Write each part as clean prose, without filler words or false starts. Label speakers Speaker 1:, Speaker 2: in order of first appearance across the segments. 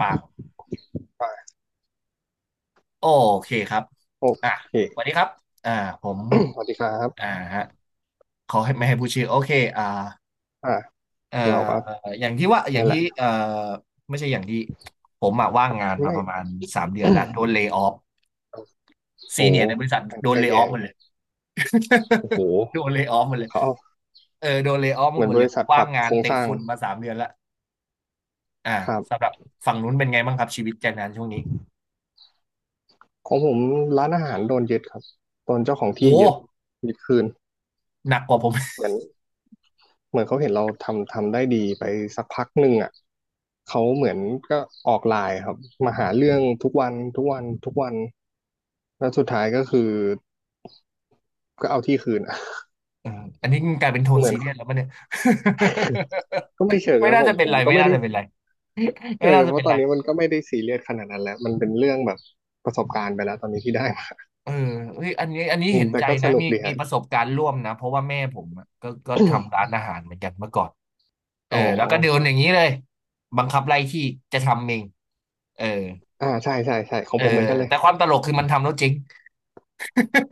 Speaker 1: ปาก
Speaker 2: ไป
Speaker 1: โอเคครับ
Speaker 2: โอ
Speaker 1: อ่ะ
Speaker 2: เค
Speaker 1: สวัสดีครับอ่าผม
Speaker 2: สวัสดีครับ
Speaker 1: อ่าฮะขอให้ไม่ให้พูดชื่อโอเคอ่า
Speaker 2: อ่า
Speaker 1: เอ่อ
Speaker 2: เราก็
Speaker 1: อย่างที่ว่าอ
Speaker 2: เนี่
Speaker 1: ย่าง
Speaker 2: ยแห
Speaker 1: ที่
Speaker 2: ละ
Speaker 1: เอ่อไม่ใช่อย่างที่ผมอะว่างงานมา
Speaker 2: ไม่
Speaker 1: ประมาณสามเดือนแล้วโดนเล y o ออฟ ซี
Speaker 2: โอ้
Speaker 1: เนียในบริษัท
Speaker 2: มัน
Speaker 1: โดน
Speaker 2: ก็
Speaker 1: เล y o
Speaker 2: แย
Speaker 1: ออฟ
Speaker 2: ง
Speaker 1: หมดเลย
Speaker 2: โอ้โห
Speaker 1: โดนเล y o ออฟหมดเลย
Speaker 2: เขาเอา
Speaker 1: เออโดนเล y o ออฟ
Speaker 2: เหมือ
Speaker 1: ห
Speaker 2: น
Speaker 1: มด
Speaker 2: บ
Speaker 1: เลย
Speaker 2: ริษัทป
Speaker 1: ว่า
Speaker 2: รั
Speaker 1: ง
Speaker 2: บ
Speaker 1: งา
Speaker 2: โค
Speaker 1: น
Speaker 2: รง
Speaker 1: เตะ
Speaker 2: สร้าง
Speaker 1: ฝุ่นมาสามเดือนแล้วอ่า
Speaker 2: ครับ
Speaker 1: สำหรับฝั่งนู้นเป็นไงบ้างครับชีวิตแรงงานช่วงนี้
Speaker 2: ของผมร้านอาหารโดนยึดครับโดนเจ้าของ
Speaker 1: โอ้
Speaker 2: ที่ยึดยึดคืน
Speaker 1: หนักกว่าผม
Speaker 2: เหมือนเหมือนเขาเห็นเราทำได้ดีไปสักพักหนึ่งอ่ะเขาเหมือนก็ออกไลน์ครับมาหาเรื่องทุกวันทุกวันทุกวันแล้วสุดท้ายก็คือก็เอาที่คืนอะ
Speaker 1: เอออันนี้มันกลายเป็นโท น
Speaker 2: เหมือ
Speaker 1: ซี
Speaker 2: น
Speaker 1: เรียสแล้วป่ะเนี่ย
Speaker 2: ก็ไม่เชิ ง
Speaker 1: ไม่
Speaker 2: นะ
Speaker 1: น่า
Speaker 2: ผม
Speaker 1: จะเป็
Speaker 2: ผ
Speaker 1: น
Speaker 2: ม
Speaker 1: ไร
Speaker 2: ก็
Speaker 1: ไม่
Speaker 2: ไม่
Speaker 1: น่า
Speaker 2: ได้
Speaker 1: จะเป็นไร
Speaker 2: เอ
Speaker 1: ไม่
Speaker 2: อ
Speaker 1: น่า
Speaker 2: เพ
Speaker 1: จะเป็
Speaker 2: ราะ
Speaker 1: น
Speaker 2: ตอ
Speaker 1: ไร
Speaker 2: นนี้มันก็ไม่ได้ซีเรียสขนาดนั้นแล้วมันเป็นเรื่องแบบประสบการณ์ไปแล้วตอนนี้ที่ได้มา
Speaker 1: เออเฮ้ยอันนี้
Speaker 2: อื
Speaker 1: เห็
Speaker 2: ม
Speaker 1: น
Speaker 2: แต่
Speaker 1: ใจ
Speaker 2: ก็ส
Speaker 1: นะ
Speaker 2: นุก
Speaker 1: มี
Speaker 2: ดี
Speaker 1: มี
Speaker 2: ฮะ
Speaker 1: ประสบการณ์ร่วมนะเพราะว่าแม่ผมอะก็ทำร้านอาหารเหมือนกันเมื่อก่อนเอ
Speaker 2: อ๋
Speaker 1: อ
Speaker 2: อ
Speaker 1: แล้วก็โดนอย่างนี้เลยบังคับไล่ที่จะทำเองเออ
Speaker 2: อ่าใช่ใช่ใช่ของ
Speaker 1: เออ
Speaker 2: ผมเหมือนกันเลย
Speaker 1: แต่ความตลกคือมันทำแล้วเจริง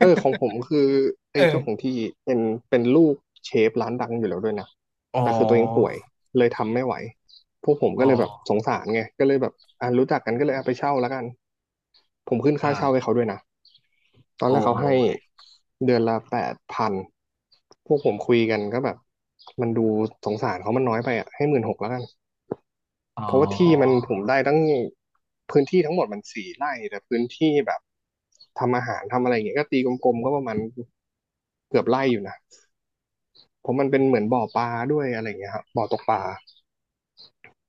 Speaker 2: เออของผม คือ
Speaker 1: เอ
Speaker 2: ไอ้
Speaker 1: อ
Speaker 2: เจ้าของที่เป็นเป็นลูกเชฟร้านดังอยู่แล้วด้วยนะ
Speaker 1: อ๋อ
Speaker 2: แต่คือตัวเองป่วยเลยทำไม่ไหวพวกผม
Speaker 1: อ๋
Speaker 2: ก็
Speaker 1: อ
Speaker 2: เลยแบบสงสารไงก็เลยแบบอ่ารู้จักกันก็เลยเอาไปเช่าแล้วกัน ผมขึ้นค่าเช่าให้
Speaker 1: อ่า
Speaker 2: เขาด้วยนะตอน
Speaker 1: โอ้
Speaker 2: แรกเขาให้
Speaker 1: ย
Speaker 2: เดือนละแปดพันพวกผมคุยกันก็แบบมันดูสงสารเขามันน้อยไปอ่ะให้หมื่นหกแล้วกัน
Speaker 1: อ๋อ
Speaker 2: เพราะว่าที่มันผมได้ตั้งพื้นที่ทั้งหมดมันสี่ไร่แต่พื้นที่แบบทำอาหารทำอะไรอย่างเงี้ยก็ตีกลมๆก็ประมาณเกือบไร่อยู่นะเพราะมันเป็นเหมือนบ่อปลาด้วยอะไรอย่างเงี้ยครับบ่อตกปลา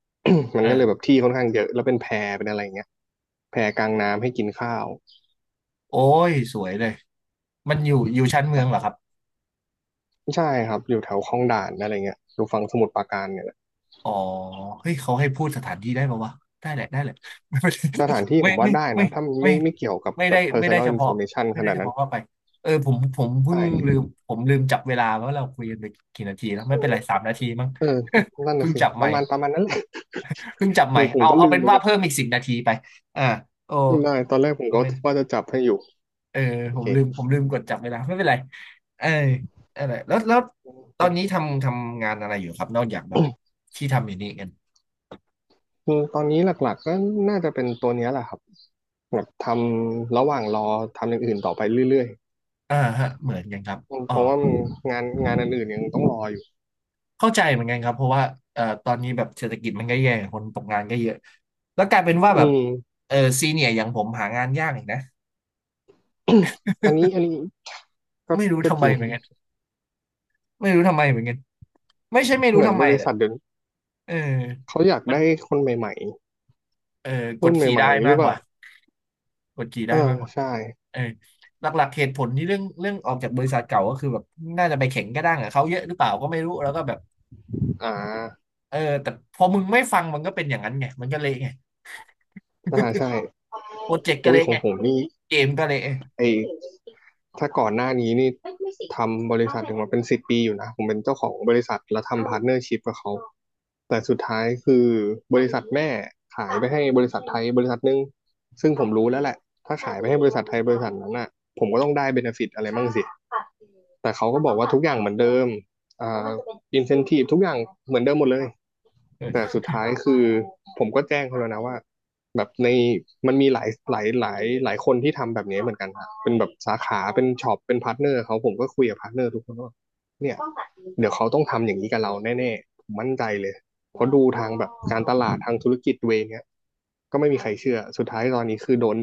Speaker 2: มั
Speaker 1: เอ
Speaker 2: นก็เลยแบบ
Speaker 1: อ
Speaker 2: ที่ค่อนข้างเยอะแล้วเป็นแพเป็นอะไรอย่างเงี้ยแพกลางน้ำให้กินข้าว
Speaker 1: โอ้ยสวยเลยมันอยู่ชั้นเมืองเหรอครับ
Speaker 2: ใช่ครับอยู่แถวคลองด่านอะไรเงี้ยอยู่ฝั่งสมุทรปราการเนี่ยแหละ
Speaker 1: อ๋อเฮ้ย เขาให้พูดสถานที่ได้ปะวะได้แหละได้แหละ
Speaker 2: สถานที่ ผ
Speaker 1: ไม่
Speaker 2: มว่า
Speaker 1: ไม่
Speaker 2: ได้
Speaker 1: ไม่
Speaker 2: นะถ้ามัน
Speaker 1: ไม่ไม่
Speaker 2: ไม่เกี่ยวกับ
Speaker 1: ไม่ไม่ไม่
Speaker 2: แบ
Speaker 1: ได้
Speaker 2: บ
Speaker 1: ไม่ได้
Speaker 2: personal
Speaker 1: เฉพาะ
Speaker 2: information
Speaker 1: ไม่
Speaker 2: ข
Speaker 1: ได้
Speaker 2: นาด
Speaker 1: เฉ
Speaker 2: นั้น
Speaker 1: พาะเข้าไปเออผมเพิ่ง
Speaker 2: ใช่
Speaker 1: ลืมผมลืมจับเวลาว่าเราคุยกันไปกี่นาทีแล้วไม่เป็นไรสามนาทีมั้ง
Speaker 2: เออนั่ น
Speaker 1: เพิ่
Speaker 2: น่ะ
Speaker 1: ง
Speaker 2: สิ
Speaker 1: จับ
Speaker 2: ป
Speaker 1: ใหม่
Speaker 2: ระมาณประมาณนั้นแหละ
Speaker 1: เพิ่งจับให
Speaker 2: คื
Speaker 1: ม่
Speaker 2: อผม
Speaker 1: เอา
Speaker 2: ก็
Speaker 1: เอา
Speaker 2: ลืม
Speaker 1: เป็น
Speaker 2: เหมือน
Speaker 1: ว่า
Speaker 2: กัน
Speaker 1: เพิ่มอีกสิบนาทีไปอ่าโอ้
Speaker 2: ได้ตอนแรกผมก็
Speaker 1: ไม่
Speaker 2: ว่าจะจับให้อยู่
Speaker 1: เออ
Speaker 2: โอ
Speaker 1: ผ
Speaker 2: เค
Speaker 1: มลืมผมลืมกดจับเวลาไม่เป็นไรเอออะไรแล้วแล้วตอ
Speaker 2: เนี่
Speaker 1: น
Speaker 2: ย
Speaker 1: นี้ทำงานอะไรอยู่ครับนอกจากแบบที่ทำอยู่นี่กัน
Speaker 2: คือตอนนี้หลักๆก็น่าจะเป็นตัวเนี้ยแหละครับแบบทำระหว่างรอทำอย่างอื่นต่อไปเรื่อย
Speaker 1: ฮะเหมือนกันครับ
Speaker 2: ๆ
Speaker 1: อ๋อ
Speaker 2: เพราะว่ามันงานอันอื่นยังต้องรออยู่
Speaker 1: เข้าใจเหมือนกันครับเพราะว่าตอนนี้แบบเศรษฐกิจมันก็แย่คนตกงานก็เยอะแล้วกลายเป็นว่า
Speaker 2: อื
Speaker 1: แบบ
Speaker 2: ม
Speaker 1: เออซีเนียอย่างผมหางานยากอีกนะ
Speaker 2: อันนี้ก็
Speaker 1: ไม่รู้
Speaker 2: ก็
Speaker 1: ทำ
Speaker 2: จ
Speaker 1: ไม
Speaker 2: ริง
Speaker 1: เหมือนกันไม่รู้ทำไมเหมือนกันไม่ใช่ไม่รู้
Speaker 2: เหมือน
Speaker 1: ทำ
Speaker 2: บ
Speaker 1: ไม
Speaker 2: ริ
Speaker 1: แหละ
Speaker 2: ษัทเดี๋ยวนี้
Speaker 1: เออ
Speaker 2: เขาอยาก
Speaker 1: มัน
Speaker 2: ได้คนใหม่
Speaker 1: เออก
Speaker 2: รุ่
Speaker 1: ด
Speaker 2: น
Speaker 1: ขี่
Speaker 2: ใหม่
Speaker 1: ได้
Speaker 2: ๆหรื
Speaker 1: มาก
Speaker 2: อเป
Speaker 1: ก
Speaker 2: ล่า
Speaker 1: ว่ากดขี่
Speaker 2: เอ
Speaker 1: ได้
Speaker 2: อ
Speaker 1: มากกว่า
Speaker 2: ใช่
Speaker 1: เออหลักๆเหตุผลที่เรื่องออกจากบริษัทเก่าก็คือแบบน่าจะไปแข่งกระด้างกับเขาเยอะหรือเปล่าก็ไม่รู้แล้วก็แบบ
Speaker 2: อ่า
Speaker 1: เออแต่พอมึงไม่ฟังมันก็เป็นอย่างนั้นไงมันก็เละไง
Speaker 2: อ่าใช่
Speaker 1: โปรเจกต์ก็
Speaker 2: โอ้ย
Speaker 1: เละ
Speaker 2: ของ
Speaker 1: ไง
Speaker 2: ผมนี่
Speaker 1: เกมก็เละ
Speaker 2: ไอถ้าก่อนหน้านี้นี่ทำบริษัทถึงมาเป็นสิบปีอยู่นะผมเป็นเจ้าของบริษัทแล้วทำพาร์ทเนอร์ชิพกับเขาแต่สุดท้ายคือบริษัทแม่ขายไปให้บริษัทไทยบริษัทหนึงซึ่งผมรู้แล้วแหละ ถ้าขายไปให้บริษัทไทยบริษัทนั้นน่ะผมก็ต้องได้เบเนฟิตอะไรบ้างสิ แต่เขาก็บอกว่าทุกอย่างเหมือนเดิมอ่าอินเซนทีฟทุกอย่างเหมือนเดิมหมดเลย แต่สุดท้ายคือผมก็แจ้งเขาแล้วนะว่าแบบในมันมีหลายคนที่ทำแบบนี้เหมือนกันครับเป็นแบบสาขาเป็นช็อปเป็นพาร์ทเนอร์เขาผมก็คุยกับพาร์ทเนอร์ทุกคนว่าเนี่ยเดี๋ยวเขาต้องทำอย่างนี้กับเราแน่ๆผมมั่นใจเลยเพราะดูทางแบบการตลาดทางธุรกิจเวยเนี้ยก็ไม่มีใครเชื่อสุดท้ายตอนนี้คือโดน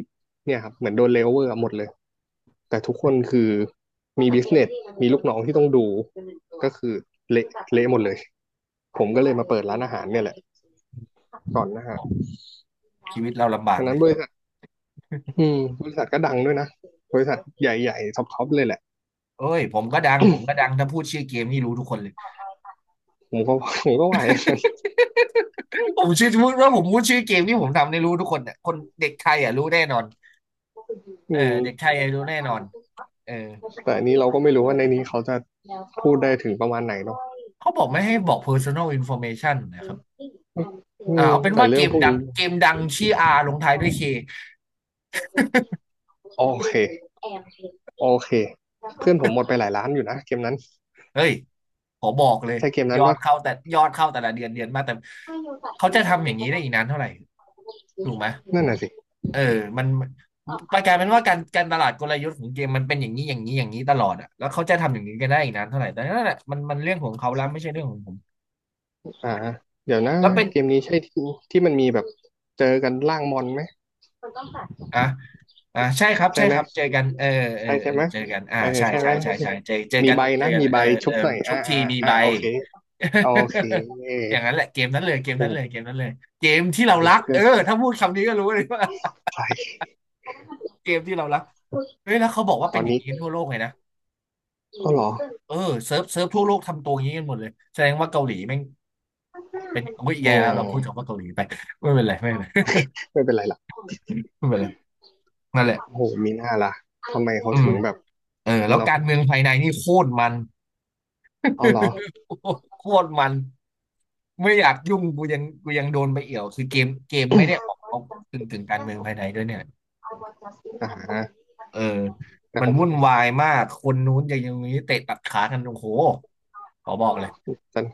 Speaker 2: เนี่ยครับเหมือนโดนเลเวอร์หมดเลยแต่ทุกคนคือมีบิสเนสมีลูกน้องที่ต้องดูก็คือเละเละหมดเลย ผมก็เลยมาเปิดร้านอาหารเนี่ยแหละก่อนนะฮะ
Speaker 1: ชีวิตเราลำบา
Speaker 2: ดั
Speaker 1: ก
Speaker 2: ง
Speaker 1: เล
Speaker 2: นั้น
Speaker 1: ย
Speaker 2: บริษัทอืมบริษัทก็ดังด้วยนะบริษัทใหญ่ๆท็อปๆเลยแหละ
Speaker 1: เอ้ยผมก็ดังผมก็ดัง ถ้าพูดชื่อเกมนี่รู้ทุกคนเลย
Speaker 2: ผมก็ผมก็ไหว
Speaker 1: ผมชื่อพูดว่าผมพูดชื่อเกมที่ผมทำในีรู้ทุกคนเนี่ยคนเด็กไทยอ่ะรู้แน่นอน
Speaker 2: อื
Speaker 1: เออเด็กไท
Speaker 2: ม
Speaker 1: ยอ่ะรู้แน่นอนเออ
Speaker 2: แต่อันนี้เราก็ไม่รู้ว่าในนี้เขาจะพูดได้ถึงประมาณไหนเนาะ
Speaker 1: เขาบอกไม่ให้บอก personal information นะครับ
Speaker 2: อืม
Speaker 1: เอาเป็น
Speaker 2: แต่
Speaker 1: ว่า
Speaker 2: เรื่
Speaker 1: เก
Speaker 2: อง
Speaker 1: ม
Speaker 2: พวก
Speaker 1: ดัง
Speaker 2: นี้
Speaker 1: เกมดังชื่อ R ลงท้ายด้วย K
Speaker 2: โอเค โอเค เพื่อนผมหมดไปหลายล้านอยู่นะเกมนั้น
Speaker 1: เฮ้ยขอบอกเลย
Speaker 2: ใช่เกมนั้นปะ
Speaker 1: ยอดเข้าแต่ละเดือนเดือนมาแต่เขาจะทำอย่างนี้ได้อีกนานเท่าไหร่ถูกไหม
Speaker 2: นั่นน่ะสิ
Speaker 1: เออมันกลายเป็นว่าการตลาดกลยุทธ์ของเกมมันเป็นอย่างนี้อย่างนี้อย่างนี้ตลอดอ่ะแล้วเขาจะทำอย่างนี้กันได้อีกนานเท่าไหร่แต่นั่นแหละมันเรื่องของเขาแล้วไม่ใช่เรื่องของผม
Speaker 2: อ่าเดี๋ยวนะ
Speaker 1: แล้วเป็น
Speaker 2: เกมนี้ใช่ที่มันมีแบบเจอกันล่างมอนไหม
Speaker 1: อ่ะอ่ะใช่ครับ
Speaker 2: ใช่
Speaker 1: ใช่
Speaker 2: ไห
Speaker 1: ค
Speaker 2: ม
Speaker 1: รับเจอกันเออเออ
Speaker 2: ใช่
Speaker 1: เอ
Speaker 2: ใช่
Speaker 1: อ
Speaker 2: ไหม
Speaker 1: เจอกัน
Speaker 2: เออ
Speaker 1: ใช่
Speaker 2: ใช่
Speaker 1: ใช่
Speaker 2: ไหม
Speaker 1: ใช่ใช่เจอเจอ
Speaker 2: มี
Speaker 1: กัน
Speaker 2: ใบ
Speaker 1: เจอ
Speaker 2: นะ
Speaker 1: กัน
Speaker 2: มีใบ
Speaker 1: เออ
Speaker 2: ชุ
Speaker 1: เอ
Speaker 2: บ
Speaker 1: อ
Speaker 2: หน่อย
Speaker 1: ชุ
Speaker 2: อ่า
Speaker 1: บที
Speaker 2: อ่า
Speaker 1: มี
Speaker 2: อ่า
Speaker 1: ใบ
Speaker 2: โอเคโอเค
Speaker 1: อย่างนั้นแหละเกมนั้นเลยเกมนั้นเลยเกมนั้นเลย เกมที่
Speaker 2: โอ้
Speaker 1: เรารัก
Speaker 2: เพื่อ
Speaker 1: เอ
Speaker 2: น
Speaker 1: อถ้าพูดคำนี้ก็รู้เลยว่า
Speaker 2: ใคร
Speaker 1: เกมที่เรารักเฮ้ยแล้วเขาบอกว่า
Speaker 2: ต
Speaker 1: เป็
Speaker 2: อ
Speaker 1: น
Speaker 2: น
Speaker 1: อย่าง
Speaker 2: นี้
Speaker 1: นี้ทั่วโลกเลยนะ
Speaker 2: ก็หรอ
Speaker 1: เออเซิร์ฟทั่วโลกทำตัวอย่างนี้กันหมดเลยแสดงว่าเกาหลีแม่งเป็นโอ้ย
Speaker 2: อื
Speaker 1: แย่แล้วเราพูดถึ
Speaker 2: ม
Speaker 1: งว่าเกาหลีไป ไม่เป็นไรไม่เป็นไร
Speaker 2: ไม่เป็นไรล่ะ
Speaker 1: ไม่เป็นไรนั่นแหล
Speaker 2: โอ้โห
Speaker 1: ะ
Speaker 2: มีหน้าล่ะทำไมเขา
Speaker 1: อื
Speaker 2: ถึ
Speaker 1: ม
Speaker 2: งแบบ
Speaker 1: เออแล้ว
Speaker 2: เนาะ
Speaker 1: การเมืองภายในนี่โคตรมัน
Speaker 2: อ๋อเหรอ
Speaker 1: โคตรมันไม่อยากยุ่งกูยังกูยังโดนไปเอี่ยวคือเกมไม่ได้ออกเอาถึงการเมืองภายในด้วยเนี่ย
Speaker 2: อ่า
Speaker 1: เออ
Speaker 2: แต่
Speaker 1: มั
Speaker 2: ข
Speaker 1: น
Speaker 2: อง
Speaker 1: วุ่นวายมากคนนู้นอย่างนี้เตะตัดขากันโอ้โหขอบอกเลย
Speaker 2: จัน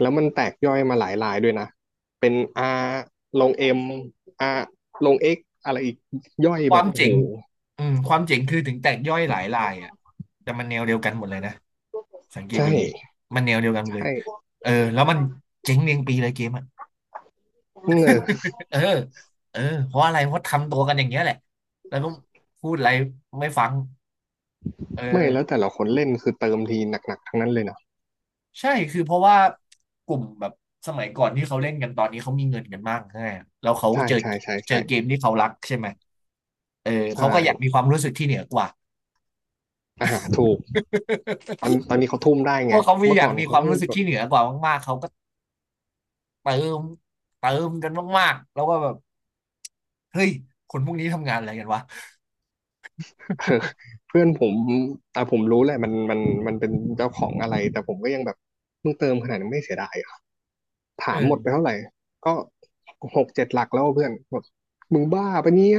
Speaker 2: แล้วมันแตกย่อยมาหลายลายด้วยนะเป็น R ลง M R ลง X อะไรอีกย่อย
Speaker 1: ค
Speaker 2: แบ
Speaker 1: วา
Speaker 2: บ
Speaker 1: ม
Speaker 2: โอ้
Speaker 1: เจ๋
Speaker 2: โห
Speaker 1: งอืมความเจ๋งคือถึงแตกย่อยหลายรายอ่ะแต่มันแนวเดียวกันหมดเลยนะ สังเกต
Speaker 2: ใช่
Speaker 1: ดีๆมันแนวเดียวกัน
Speaker 2: ใช
Speaker 1: เลย
Speaker 2: ่
Speaker 1: เออแล้วมันเจ๊งเรียงปีเลยเกมอ่ะ
Speaker 2: เออ
Speaker 1: เออเออเพราะอะไรเพราะทำตัวกันอย่างเงี้ยแหละแล้วก็พูดอะไรไม่ฟังเอ
Speaker 2: ไม่
Speaker 1: อ
Speaker 2: แล้วแต่ละคนเล่นคือเติมทีหนักๆทั้งนั้นเลยเนาะ
Speaker 1: ใช่คือเพราะว่ากลุ่มแบบสมัยก่อนที่เขาเล่นกันตอนนี้เขามีเงินกันมากใช่ไหมแล้วเขา
Speaker 2: ใช่
Speaker 1: เจอ
Speaker 2: ใช่ใช่
Speaker 1: เจอ
Speaker 2: ใช่
Speaker 1: เกมที่เขารักใช่ไหมเออ
Speaker 2: ใช่
Speaker 1: เขาก็อยากมีความรู้สึกที่เหนือกว่า
Speaker 2: อ่าถูกตอนนี้เขาทุ่มได้
Speaker 1: พ
Speaker 2: ไง
Speaker 1: วกเขามี
Speaker 2: เมื่อ
Speaker 1: อยา
Speaker 2: ก่
Speaker 1: ก
Speaker 2: อน
Speaker 1: มีค
Speaker 2: เขา
Speaker 1: วาม
Speaker 2: ต้อง
Speaker 1: รู้สึก
Speaker 2: แบบ
Speaker 1: ที่เหนือกว่ามากๆเขา เติมเติมกันมากๆแล้วก็แบบเฮ้ยคนพวกนี้ทำงานอะไรกันวะ
Speaker 2: เออเพื่อนผมอ่ะผมรู้แหละมันมันเป็นเจ้าของอะไรแต่ผมก็ยังแบบมึงเติมขนาดนี้ไม่เสียดายเหรอถามหมดไป
Speaker 1: เออ
Speaker 2: เท่าไหร่ก็หกเจ็ดหลักแล้วเพื่อนแบบมึงบ้าปะเนี่ย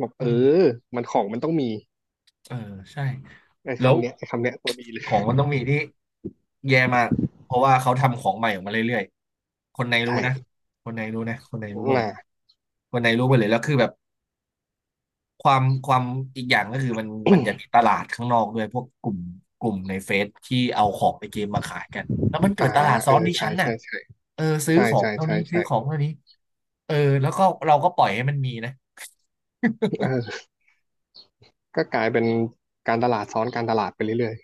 Speaker 2: บอก
Speaker 1: อื
Speaker 2: เอ
Speaker 1: ม
Speaker 2: อมันของมันต้องมี
Speaker 1: เออใช่
Speaker 2: ไอ้
Speaker 1: แล้ว
Speaker 2: คำเนี้ยไอ้คำเนี้ยตัวดีเลย
Speaker 1: ของมันต้องมีที่แย่มากเพราะว่าเขาทำของใหม่ออกมาเรื่อยๆคนในรู้นะ
Speaker 2: ใช่
Speaker 1: คนในรู้นะคนในรู้หมดเล
Speaker 2: อ่า
Speaker 1: ยคนในรู้หมดเลยแล้วคือแบบความอีกอย่างก็คือมันอยากมีตลาดข้างนอกด้วยพวกกลุ่มกลุ่มในเฟซที่เอาของในเกมมาขายกันแล้วมันเกิ
Speaker 2: อ่า
Speaker 1: ดตลาด
Speaker 2: เอ
Speaker 1: ซ้อน
Speaker 2: อ
Speaker 1: ที่
Speaker 2: ใช่
Speaker 1: ชั้นน่ะ
Speaker 2: ใช่ใช่
Speaker 1: เออซื้อ
Speaker 2: ใช่
Speaker 1: ของ
Speaker 2: ใช่
Speaker 1: เท่า
Speaker 2: ใช่
Speaker 1: นี้ซื้
Speaker 2: ใช่
Speaker 1: อของเท่านี้ เออแล้วก็เราก็ปล่อยให้มันมีนะ
Speaker 2: เออก็กลายเป็นการตลาดซ้อนการตลาดไปเรื่อย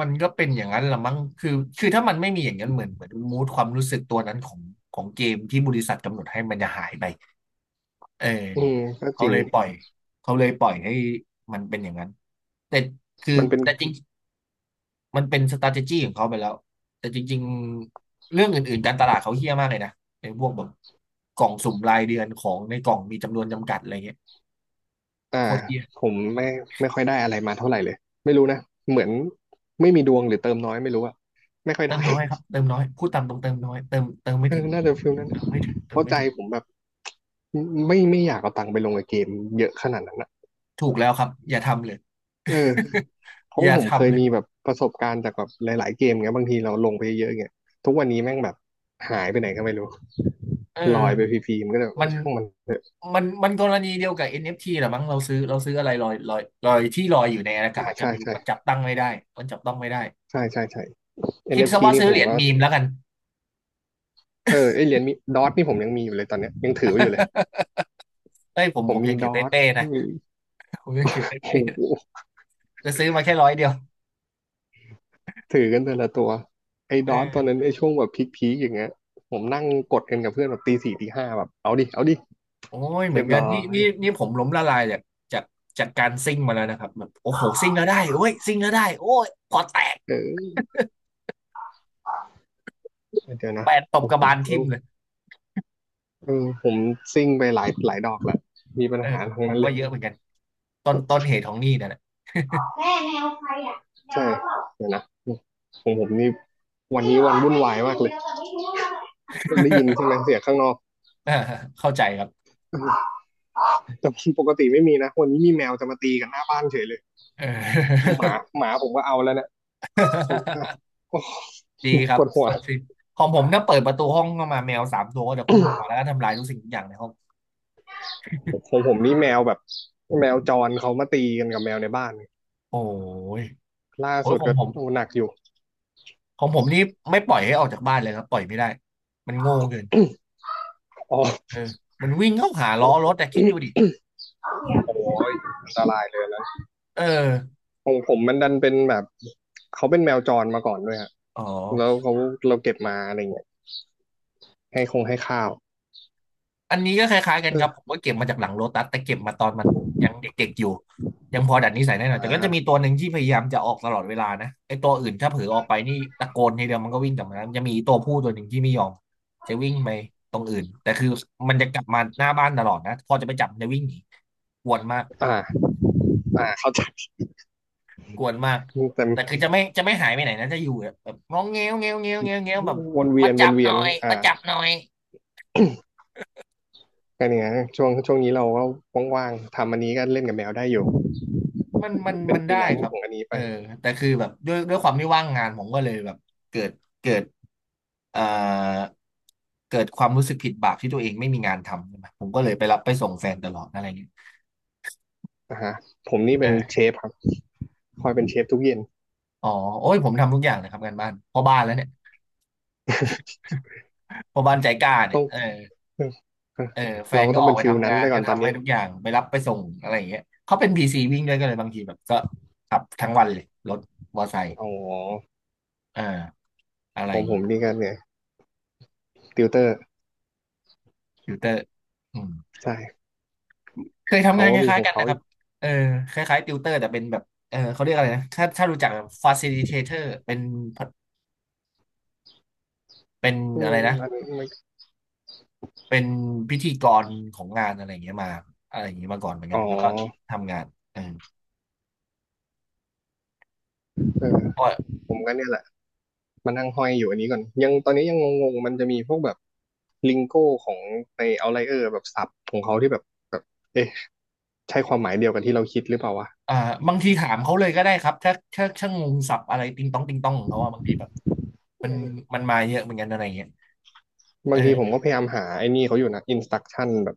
Speaker 1: มันก็เป็นอย่างนั้นละมั้งคือถ้ามันไม่มีอย่างนั้นเหมือนเหมือนมูดความรู้สึกตัวนั้นของของเกมที่บริษัทกำหนดให้มันจะหายไปเออ
Speaker 2: ๆอืมก็จ
Speaker 1: เขา
Speaker 2: ริง
Speaker 1: เลยปล่อยเขาเลยปล่อยให้มันเป็นอย่างนั้นแต่คือ
Speaker 2: มันเป็น
Speaker 1: แต่จริงมันเป็น strategy ของเขาไปแล้วแต่จริงๆเรื่องอื่นๆการตลาดเขาเฮี้ยมากเลยนะในพวกแบบกล่องสุ่มรายเดือนของในกล่องมีจำนวนจำกัดอะไรเงี้ย
Speaker 2: อ่า
Speaker 1: โคตรเฮี้ย
Speaker 2: ผมไม่ไม่ค่อยได้อะไรมาเท่าไหร่เลยไม่รู้นะ เหมือนไม่มีดวงหรือเติมน้อยไม่รู้อะไม่ค่อย
Speaker 1: เติ
Speaker 2: ได้
Speaker 1: มน้อยครับเติมน้อยพูดตามตรงเติมน้อยเติมเติม ไม่
Speaker 2: เอ
Speaker 1: ถึ
Speaker 2: อ
Speaker 1: ง
Speaker 2: น่าจะฟิลนั้น
Speaker 1: เติ
Speaker 2: นะ
Speaker 1: มไม่ถึง
Speaker 2: เพ
Speaker 1: เติม
Speaker 2: ราะ
Speaker 1: ไม่
Speaker 2: ใจ
Speaker 1: ถึง
Speaker 2: ผมแบบไม่อยากเอาตังค์ไปลงกับเกมเยอะขนาดนั้นนะ
Speaker 1: ถูกแล้วครับอย่าทำเลย
Speaker 2: เออเพ
Speaker 1: อ
Speaker 2: ราะ
Speaker 1: ย่า
Speaker 2: ว่าผมเคย
Speaker 1: ทำเลย
Speaker 2: มีแบบประสบการณ์จากแบบหลายๆเกมเงี้ยบางทีเราลงไปเยอะๆเงี้ยทุกวันนี้แม่งแบบหายไปไหนก็ไม่รู้
Speaker 1: เอ
Speaker 2: ลอยไปฟ
Speaker 1: อ
Speaker 2: รีๆมันก็เลยเอ
Speaker 1: มั
Speaker 2: อ
Speaker 1: น
Speaker 2: ช่างมัน
Speaker 1: มันมันกรณีเดียวกับ NFT แหละมั้งเราซื้อเราซื้ออะไรลอยลอยลอยที่ลอยอยู่ในอากา
Speaker 2: อ่า
Speaker 1: ศก็
Speaker 2: ใช่
Speaker 1: ไม่รู้มันจั
Speaker 2: ใช่
Speaker 1: บตั้งไม่ได้มันจับต้องไม่ได้
Speaker 2: ใช่ใช่ใช่
Speaker 1: คิดซะ
Speaker 2: NFT น
Speaker 1: ว่า
Speaker 2: เอฟทีนี่
Speaker 1: ซื้อ
Speaker 2: ผ
Speaker 1: เห
Speaker 2: ม
Speaker 1: รียญ
Speaker 2: ก็
Speaker 1: มีมแล้วกัน
Speaker 2: เออไอเหรียญมีดอทนี่ผมยังมีอยู่เลยตอนเนี้ยยังถือไว้อยู่เลย
Speaker 1: เอ้ยผม
Speaker 2: ผ
Speaker 1: ผ
Speaker 2: ม
Speaker 1: ม
Speaker 2: มี
Speaker 1: ยัง
Speaker 2: ด
Speaker 1: ถือ
Speaker 2: อท
Speaker 1: เป้ๆนะ
Speaker 2: มี
Speaker 1: ผมยังถือเป้ๆนะ
Speaker 2: โห
Speaker 1: แตซื้อมาแค่ร้อยเดียว
Speaker 2: ถือกันแต่ละตัวไอ้
Speaker 1: เอ
Speaker 2: ด
Speaker 1: อ
Speaker 2: อทตอนนั้นไอ้ช่วงแบบพีคๆอย่างเงี้ยผมนั่งกดกันกับเพื่อนแบบตีสี่ตีห้าแบบเอาดิเอาดิ
Speaker 1: โอ้ยเหมื
Speaker 2: เรี
Speaker 1: อ
Speaker 2: ย
Speaker 1: น
Speaker 2: บ
Speaker 1: กัน
Speaker 2: ร้อ
Speaker 1: นี่
Speaker 2: ย
Speaker 1: นี่นี่ผมล้มละลายจากจากจากการซิ่งมาแล้วนะครับแบบโอ้โหซิ่งแล้วได้โอ้ยซิ่งแล้วได้โอ้ยพอแตก
Speaker 2: เออเดี๋ยวนะ
Speaker 1: แปดต
Speaker 2: ผ
Speaker 1: บ
Speaker 2: ม
Speaker 1: กระ
Speaker 2: ผ
Speaker 1: บา
Speaker 2: ม
Speaker 1: ล
Speaker 2: ก็
Speaker 1: ทิ่มเลย
Speaker 2: เออผมซิ่งไปหลายหลายดอกแล้วมีปัญ
Speaker 1: เออ
Speaker 2: หา
Speaker 1: ผม
Speaker 2: ทั้ง
Speaker 1: ผม
Speaker 2: นั้นเล
Speaker 1: ก็
Speaker 2: ย
Speaker 1: เยอะเหมือนกันต้นเหตุของหนี้นั่นแหละ
Speaker 2: ใช่เดี๋ยวนะของผมนี่วันนี้วันวุ่นวายมากเลยได้ยินใช่ ไหมเสียงข้างนอก
Speaker 1: อ่าเข้าใจครับ
Speaker 2: เออ แต่ ปกติไม่มีนะวันนี้มีแมวจะมาตีกันหน้าบ้านเฉยเลย
Speaker 1: เออ
Speaker 2: หมาหมาผมก็เอาแล้วเนี่ย ผม
Speaker 1: ดีค
Speaker 2: ป
Speaker 1: รับ
Speaker 2: วดหัว
Speaker 1: สดชื่นของผมถ้าเปิดประตูห้องเข้ามาแมวสามตัวก็จะพุ่งมาแล้วก็ทำลายทุกสิ่งทุกอย่างในห้อง
Speaker 2: ผมนี่แมวแบบแมวจรเขามาตีกันกับแมวในบ้าน
Speaker 1: โอ้ย
Speaker 2: ล่า
Speaker 1: โอ้ย
Speaker 2: สุด
Speaker 1: ของ
Speaker 2: ก็
Speaker 1: ผม
Speaker 2: โอ้หนักอยู่
Speaker 1: ของผมนี่ไม่ปล่อยให้ออกจากบ้านเลยครับปล่อยไม่ได้มันโง่เกิน
Speaker 2: อ๋อ
Speaker 1: เอ อมันวิ่งเข้าหาล้อร
Speaker 2: โอ
Speaker 1: ถแต่คิดดูดิ
Speaker 2: ้ยอันตรายเลยนะ
Speaker 1: เออ
Speaker 2: ของผมมันดันเป็นแบบเขาเป็นแมวจรมาก่อนด้วยฮะ
Speaker 1: อ๋อ
Speaker 2: แล้วเขาเราเก็บมาอะไรเงี้ยให้คงให้ข้าว
Speaker 1: อันนี้ก็คล้ายๆกัน
Speaker 2: เอ
Speaker 1: ครับผ
Speaker 2: อ
Speaker 1: มก็เก็บมาจากหลังโลตัสแต่เก็บมาตอนมันยังเด็กๆอยู่ยังพอดัดนิสัยได้หน่อ
Speaker 2: อ่า
Speaker 1: ยแต่ก็จะมีตัวหนึ่งที่พยายามจะออกตลอดเวลานะไอ้ตัวอื่นถ้าเผลอออกไปนี่ตะโกนทีเดียวมันก็วิ่งกลับมาแล้วมันจะมีตัวผู้ตัวหนึ่งที่ไม่ยอมจะวิ่งไปตรงอื่นแต่คือมันจะกลับมาหน้าบ้านตลอดนะพอจะไปจับมันจะวิ่งหนีกวนมาก
Speaker 2: อ่าอ่าเข้าใจ
Speaker 1: กวนมาก
Speaker 2: แต่
Speaker 1: แต่คือจะไม่หายไปไหนนะจะอยู่แบบงอแงวแงวแงวแงวแงวแบบ
Speaker 2: วนเวี
Speaker 1: มา
Speaker 2: ยนว
Speaker 1: จั
Speaker 2: น
Speaker 1: บห
Speaker 2: เวี
Speaker 1: น่
Speaker 2: ย
Speaker 1: อ
Speaker 2: น
Speaker 1: ย
Speaker 2: อ่า
Speaker 1: มาจับหน่อย
Speaker 2: ก็เนี่ยช่วงนี้เราก็ว่างๆทำอันนี้ก็เล่นกับแมวได้อยู่
Speaker 1: มันมัน
Speaker 2: เป็น
Speaker 1: มัน
Speaker 2: ฟรี
Speaker 1: ได้
Speaker 2: แลน
Speaker 1: ค
Speaker 2: ซ์
Speaker 1: รับ
Speaker 2: ของอันนี้
Speaker 1: เอ
Speaker 2: ไป
Speaker 1: อแต่คือแบบด้วยความที่ว่างงานผมก็เลยแบบเกิดเกิดเอ่อเกิดความรู้สึกผิดบาปที่ตัวเองไม่มีงานทำใช่ไหมผมก็เลยไปรับไปส่งแฟนตลอดอะไรเงี้ย
Speaker 2: อ่าฮะผมนี่เป็นเช
Speaker 1: เออ
Speaker 2: ฟครับคอยเป็นเชฟทุกเย็น
Speaker 1: อ๋อโอ้ยผมทำทุกอย่างเลยครับงานบ้านพ่อบ้านแล้วเนี่ยพ่อบ้านใจกล้า เนี่
Speaker 2: ต้
Speaker 1: ย
Speaker 2: อง
Speaker 1: เออแฟ
Speaker 2: เรา
Speaker 1: น
Speaker 2: ก็
Speaker 1: ก็
Speaker 2: ต้อง
Speaker 1: ออ
Speaker 2: เป็
Speaker 1: ก
Speaker 2: น
Speaker 1: ไป
Speaker 2: ฟิล
Speaker 1: ทำ
Speaker 2: นั้น
Speaker 1: งาน
Speaker 2: ไปก่อ
Speaker 1: ก็
Speaker 2: นตอน
Speaker 1: ทำให้
Speaker 2: นี้
Speaker 1: ทุกอย่างไปรับไปส่งอะไรอย่างเงี้ยเขาเป็นพีซีวิ่งด้วยก็เลยบางทีแบบก็ขับทั้งวันเลยรถมอเตอร์ไซค์
Speaker 2: อ๋อ
Speaker 1: เอออะไร
Speaker 2: ข
Speaker 1: อ
Speaker 2: อง
Speaker 1: ย่าง
Speaker 2: ผ
Speaker 1: งี้
Speaker 2: มนี่ก็เนี่ยติวเตอร์
Speaker 1: ฟิลเตอร์อืม
Speaker 2: ใช่
Speaker 1: เคยทำ
Speaker 2: เขา
Speaker 1: งาน
Speaker 2: ก็
Speaker 1: ค
Speaker 2: มีข
Speaker 1: ล้าย
Speaker 2: อง
Speaker 1: ๆกัน
Speaker 2: เขา
Speaker 1: นะค
Speaker 2: อ
Speaker 1: รับ
Speaker 2: ยู่
Speaker 1: เออคล้ายๆติวเตอร์แต่เป็นแบบเออเขาเรียกอะไรนะถ้าถ้ารู้จัก facilitator เป็น
Speaker 2: อื
Speaker 1: อะ
Speaker 2: ม
Speaker 1: ไรนะ
Speaker 2: มันไม่
Speaker 1: เป็นพิธีกรของงานอะไรอย่างเงี้ยมาอะไรอย่างเงี้ยมาก่อนเหมือนกั
Speaker 2: อ๋
Speaker 1: น
Speaker 2: อ
Speaker 1: แล้วก็ทำงานเออ
Speaker 2: เออ
Speaker 1: ก็
Speaker 2: ผมก็เนี่ยแหละมานั่งห้อยอยู่อันนี้ก่อนยังตอนนี้ยังงงๆมันจะมีพวกแบบลิงโก้ของในเอาไลเออร์แบบศัพท์ของเขาที่แบบแบบเอ๊ะใช่ความหมายเดียวกันที่เราคิดหรือเปล่าวะ
Speaker 1: อ่าบางทีถามเขาเลยก็ได้ครับถ้าถ้าถ้างงศัพท์อะไรติงต้องติงต้องของเขาว่าบางทีแบบ
Speaker 2: เออ
Speaker 1: มันมาเยอะเหมือนกันอะไรอย่างเงี้ย
Speaker 2: บางทีผม
Speaker 1: เออ
Speaker 2: ก็พยายามหาไอ้นี่เขาอยู่นะอินสต u ักชั่นแบบ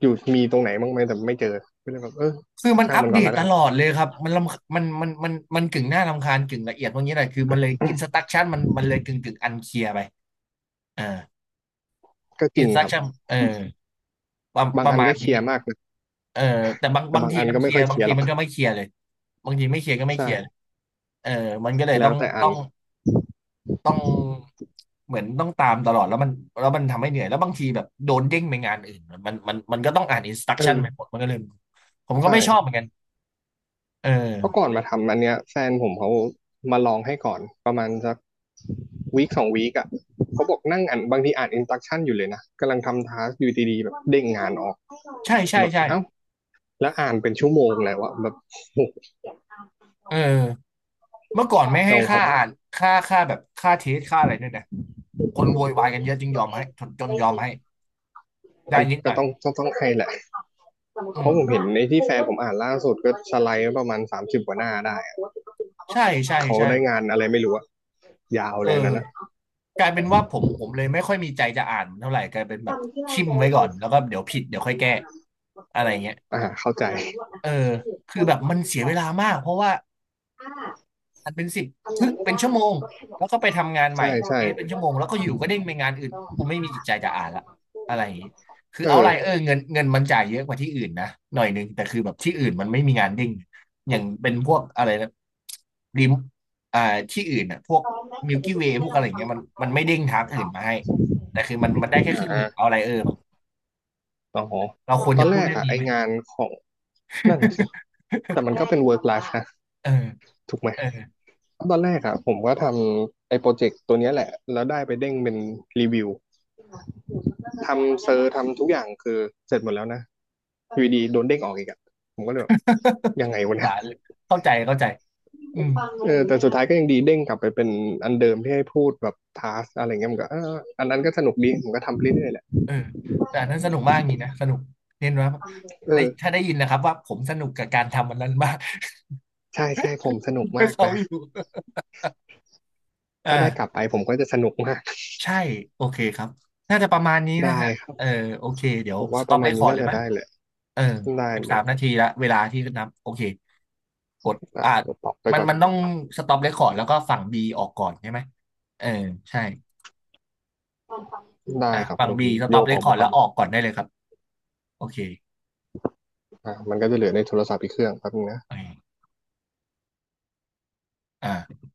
Speaker 2: อยู่มีตรงไหนบ้างไหมแต่ไม่เจอก็เลยแบบเออ
Speaker 1: คือมัน
Speaker 2: ช่าง
Speaker 1: อัป
Speaker 2: มัน
Speaker 1: เด
Speaker 2: ก่อน
Speaker 1: ต
Speaker 2: แล้ว
Speaker 1: ต
Speaker 2: กัน
Speaker 1: ลอดเลยครับมันรำมันกึ่งหน้ารำคาญกึ่งละเอียดพวกนี้แหละคือมันเลยอินสตรัคชั่นมันเลยกึ่งกึ่งอันเคลียร์ไปเออ
Speaker 2: ก็จ
Speaker 1: อิ
Speaker 2: ริ
Speaker 1: น
Speaker 2: ง
Speaker 1: สตรั
Speaker 2: ค
Speaker 1: ค
Speaker 2: รับ
Speaker 1: ชั่นเออประ
Speaker 2: บาง
Speaker 1: ประ
Speaker 2: อัน
Speaker 1: มา
Speaker 2: ก็
Speaker 1: ณ
Speaker 2: เค
Speaker 1: นี้
Speaker 2: ลียร์มากนะ
Speaker 1: เออแต่บาง
Speaker 2: แต่
Speaker 1: บาง
Speaker 2: บาง
Speaker 1: ที
Speaker 2: อัน
Speaker 1: มัน
Speaker 2: ก็
Speaker 1: เค
Speaker 2: ไม่
Speaker 1: ลีย
Speaker 2: ค่อ
Speaker 1: ร์
Speaker 2: ยเค
Speaker 1: บาง
Speaker 2: ลียร์
Speaker 1: ที
Speaker 2: หรอก
Speaker 1: มันก็ไม่เคลียร์เลยบางทีไม่เคลียร์ก็ไม่เค
Speaker 2: ใช่
Speaker 1: ลียร์เออมันก็เลย
Speaker 2: แล้วแต่อั
Speaker 1: ต้
Speaker 2: น
Speaker 1: องต้องเหมือนต้องตามตลอดแล้วมันแล้วมันทำให้เหนื่อยแล้วบางทีแบบโดนเด้งไปงานอื่นมันก็ต้องอ่านอินสตรัค
Speaker 2: เอ
Speaker 1: ชั่น
Speaker 2: อ
Speaker 1: ไปหมดมันก็เลยผมก็ไม่ชอบเห
Speaker 2: ใช่
Speaker 1: มือนกันเออ
Speaker 2: เพราะก่อนมาทำอันเนี้ยแฟนผมเขามาลองให้ก่อนประมาณสักวีคสองวีคอ่ะเขาบอกนั่งอ่านบางทีอ่านอินสต u ั t ชั่นอยู่เลยนะกำลังทำทาสอยู่ดีๆแบบเด้งงานออก
Speaker 1: ใช่ใช่
Speaker 2: แบบ
Speaker 1: ใช่
Speaker 2: เอ้าแล้วอ่านเป็นชั่วโมงแล้วอะแบบอโห
Speaker 1: เออเมื่อก่อนไม่
Speaker 2: ต
Speaker 1: ให้
Speaker 2: รงเขา
Speaker 1: ค่า
Speaker 2: ได้
Speaker 1: อ่านค่าแบบค่าเทสค่าอะไรด้วยนะคนโวยวายกันเยอะจึงยอมให้จนยอมให้ได้
Speaker 2: อ่ะ
Speaker 1: นิดห
Speaker 2: ก็
Speaker 1: น่อย
Speaker 2: ต้องต้องให้แหละสมติ
Speaker 1: อื
Speaker 2: เพเขา
Speaker 1: ม
Speaker 2: ราะพูผดมเห็นานในที่โพแฟสนต์ว่าผมอ่านล่าสุดก็สไลด์ไว้ประมาณ30กว่าหน้าได้อะแล้ว
Speaker 1: ใช่
Speaker 2: เขา
Speaker 1: ใช่
Speaker 2: โพส
Speaker 1: ใช่
Speaker 2: ได้ต์งานอะไรไม่รู้อะยาว
Speaker 1: เอ
Speaker 2: เลยอัน
Speaker 1: อ
Speaker 2: นั้นอะ
Speaker 1: กลายเป็นว่าผมเลยไม่ค่อยมีใจจะอ่านเท่าไหร่กลายเป็นแบบทิมไว้ก่อนแล้วก็เดี๋ยวผิดเดี๋ยวค่อยแก้อะไรเงี้ย
Speaker 2: อ่าเข้าใจ
Speaker 1: เออคือแบบมันเสียเวลามากเพราะว่า อันเป็นสิบครึ่งเป็นชั่วโมงแล้วก็ไปทำงานใหม่
Speaker 2: ใช่แล
Speaker 1: เท
Speaker 2: ใช่
Speaker 1: สเป็นชั่
Speaker 2: ใช่
Speaker 1: วโมงแล้วก็อยู่ก็
Speaker 2: า
Speaker 1: เด้งไปงานอื่นกูไม่มีจิตใจจะอ่านละอะไรอย่างนี้คือ
Speaker 2: เอ
Speaker 1: เอาไร
Speaker 2: อ
Speaker 1: เออเงินมันจ่ายเยอะกว่าที่อื่นนะหน่อยนึงแต่คือแบบที่อื่นมันไม่มีงานเด้งอย่างเป็นพวกอะไรนะริมอ่าที่อื่นอ่ะพวกมิลกี้เวย์พวกอะไรอย่างเงี้ยมันไม่เด้งทางอื่นมาให้แต่คือมัน
Speaker 2: อ
Speaker 1: ได้แค่ครึ่งหนึ่งเอา
Speaker 2: ่า
Speaker 1: ไรเออมั้ง
Speaker 2: อ๋อ
Speaker 1: เรา
Speaker 2: ล
Speaker 1: ควร
Speaker 2: ตอน
Speaker 1: จะ
Speaker 2: แร
Speaker 1: พูด
Speaker 2: ง
Speaker 1: เรื่
Speaker 2: ก
Speaker 1: อง
Speaker 2: อะไอ
Speaker 1: นี้ไหม
Speaker 2: งานของนั่นน่ะสิ แต่มันก็เป็กน work life นะ
Speaker 1: เออ
Speaker 2: ถูกไหม
Speaker 1: เออ
Speaker 2: ตอนแรกอะผมก็ทำไอ้โปรเจกต์ตัวเนี้ยแหละแล้วได้ไปเด้งเป็นรีวิว ทำเซอร์ทำทุกอย่างคือเสร็จหมดแล้วนะอยู่ดีโดนเด้งออกอีกอะผมก็เลยแบบยังไง
Speaker 1: สง
Speaker 2: วะเนี่ย
Speaker 1: สารเลยเข้าใจเข้าใจอืม
Speaker 2: เออแต่สุดท้ายก็ยังดีเด้งกลับไปเป็นอันเดิมที่ให้พูดแบบทาสอะไรเงี้ยมันก็เอออันนั้นก็สนุกดีผมก็ทำเรื่อยๆแหละ
Speaker 1: เออแต่อันนั้นสนุกมากจริงนะสนุกเน้นว่า
Speaker 2: เอ
Speaker 1: ได้
Speaker 2: อ
Speaker 1: ถ้าได้ยินนะครับว่าผมสนุกกับการทำวันนั้น มาก
Speaker 2: ใช่ใช่ผมสนุก
Speaker 1: ถ้า
Speaker 2: มาก
Speaker 1: เขา
Speaker 2: นะ
Speaker 1: อยู่
Speaker 2: ถ้าได้กลับ
Speaker 1: อ่า
Speaker 2: ไปผมก็จะสนุกมาก
Speaker 1: ใช่โอเคครับน่าจะประมาณนี้นะ
Speaker 2: ได้
Speaker 1: ฮะ
Speaker 2: ครั
Speaker 1: เออ
Speaker 2: บ
Speaker 1: โอเคเดี๋ย
Speaker 2: ผ
Speaker 1: ว
Speaker 2: ม
Speaker 1: ส
Speaker 2: ว่าป
Speaker 1: ต็อ
Speaker 2: ระ
Speaker 1: ป
Speaker 2: มา
Speaker 1: เร
Speaker 2: ณ
Speaker 1: คค
Speaker 2: นี้
Speaker 1: อร์ด
Speaker 2: น่า
Speaker 1: เลย
Speaker 2: จะ
Speaker 1: ไหม
Speaker 2: ได้เลย
Speaker 1: เออ
Speaker 2: ได้
Speaker 1: สิบสา
Speaker 2: เดี๋ยว
Speaker 1: มนาทีละเวลาที่นับโอเคกด
Speaker 2: อ่ะ
Speaker 1: อ่า
Speaker 2: ตอบไป
Speaker 1: มัน
Speaker 2: ก่อน
Speaker 1: มันต้องสต็อปเรคคอร์ดแล้วก็ฝั่งบีออกก่อนใช่ไหมเออใช่
Speaker 2: ได้
Speaker 1: อ่ะ
Speaker 2: ครับ
Speaker 1: ฝั่
Speaker 2: ผ
Speaker 1: ง
Speaker 2: ม
Speaker 1: บีส
Speaker 2: โย
Speaker 1: ต็อป
Speaker 2: ก
Speaker 1: เร
Speaker 2: อ
Speaker 1: ค
Speaker 2: อก
Speaker 1: คอ
Speaker 2: มา
Speaker 1: ร์ด
Speaker 2: ก่
Speaker 1: แล้
Speaker 2: อน
Speaker 1: วออกก่อนได้เลยครับโอเค
Speaker 2: อ่ะมันก็จะเหลือในโทรศัพท์อีกเครื่องแป๊บนึงนะ
Speaker 1: โอเคอ่า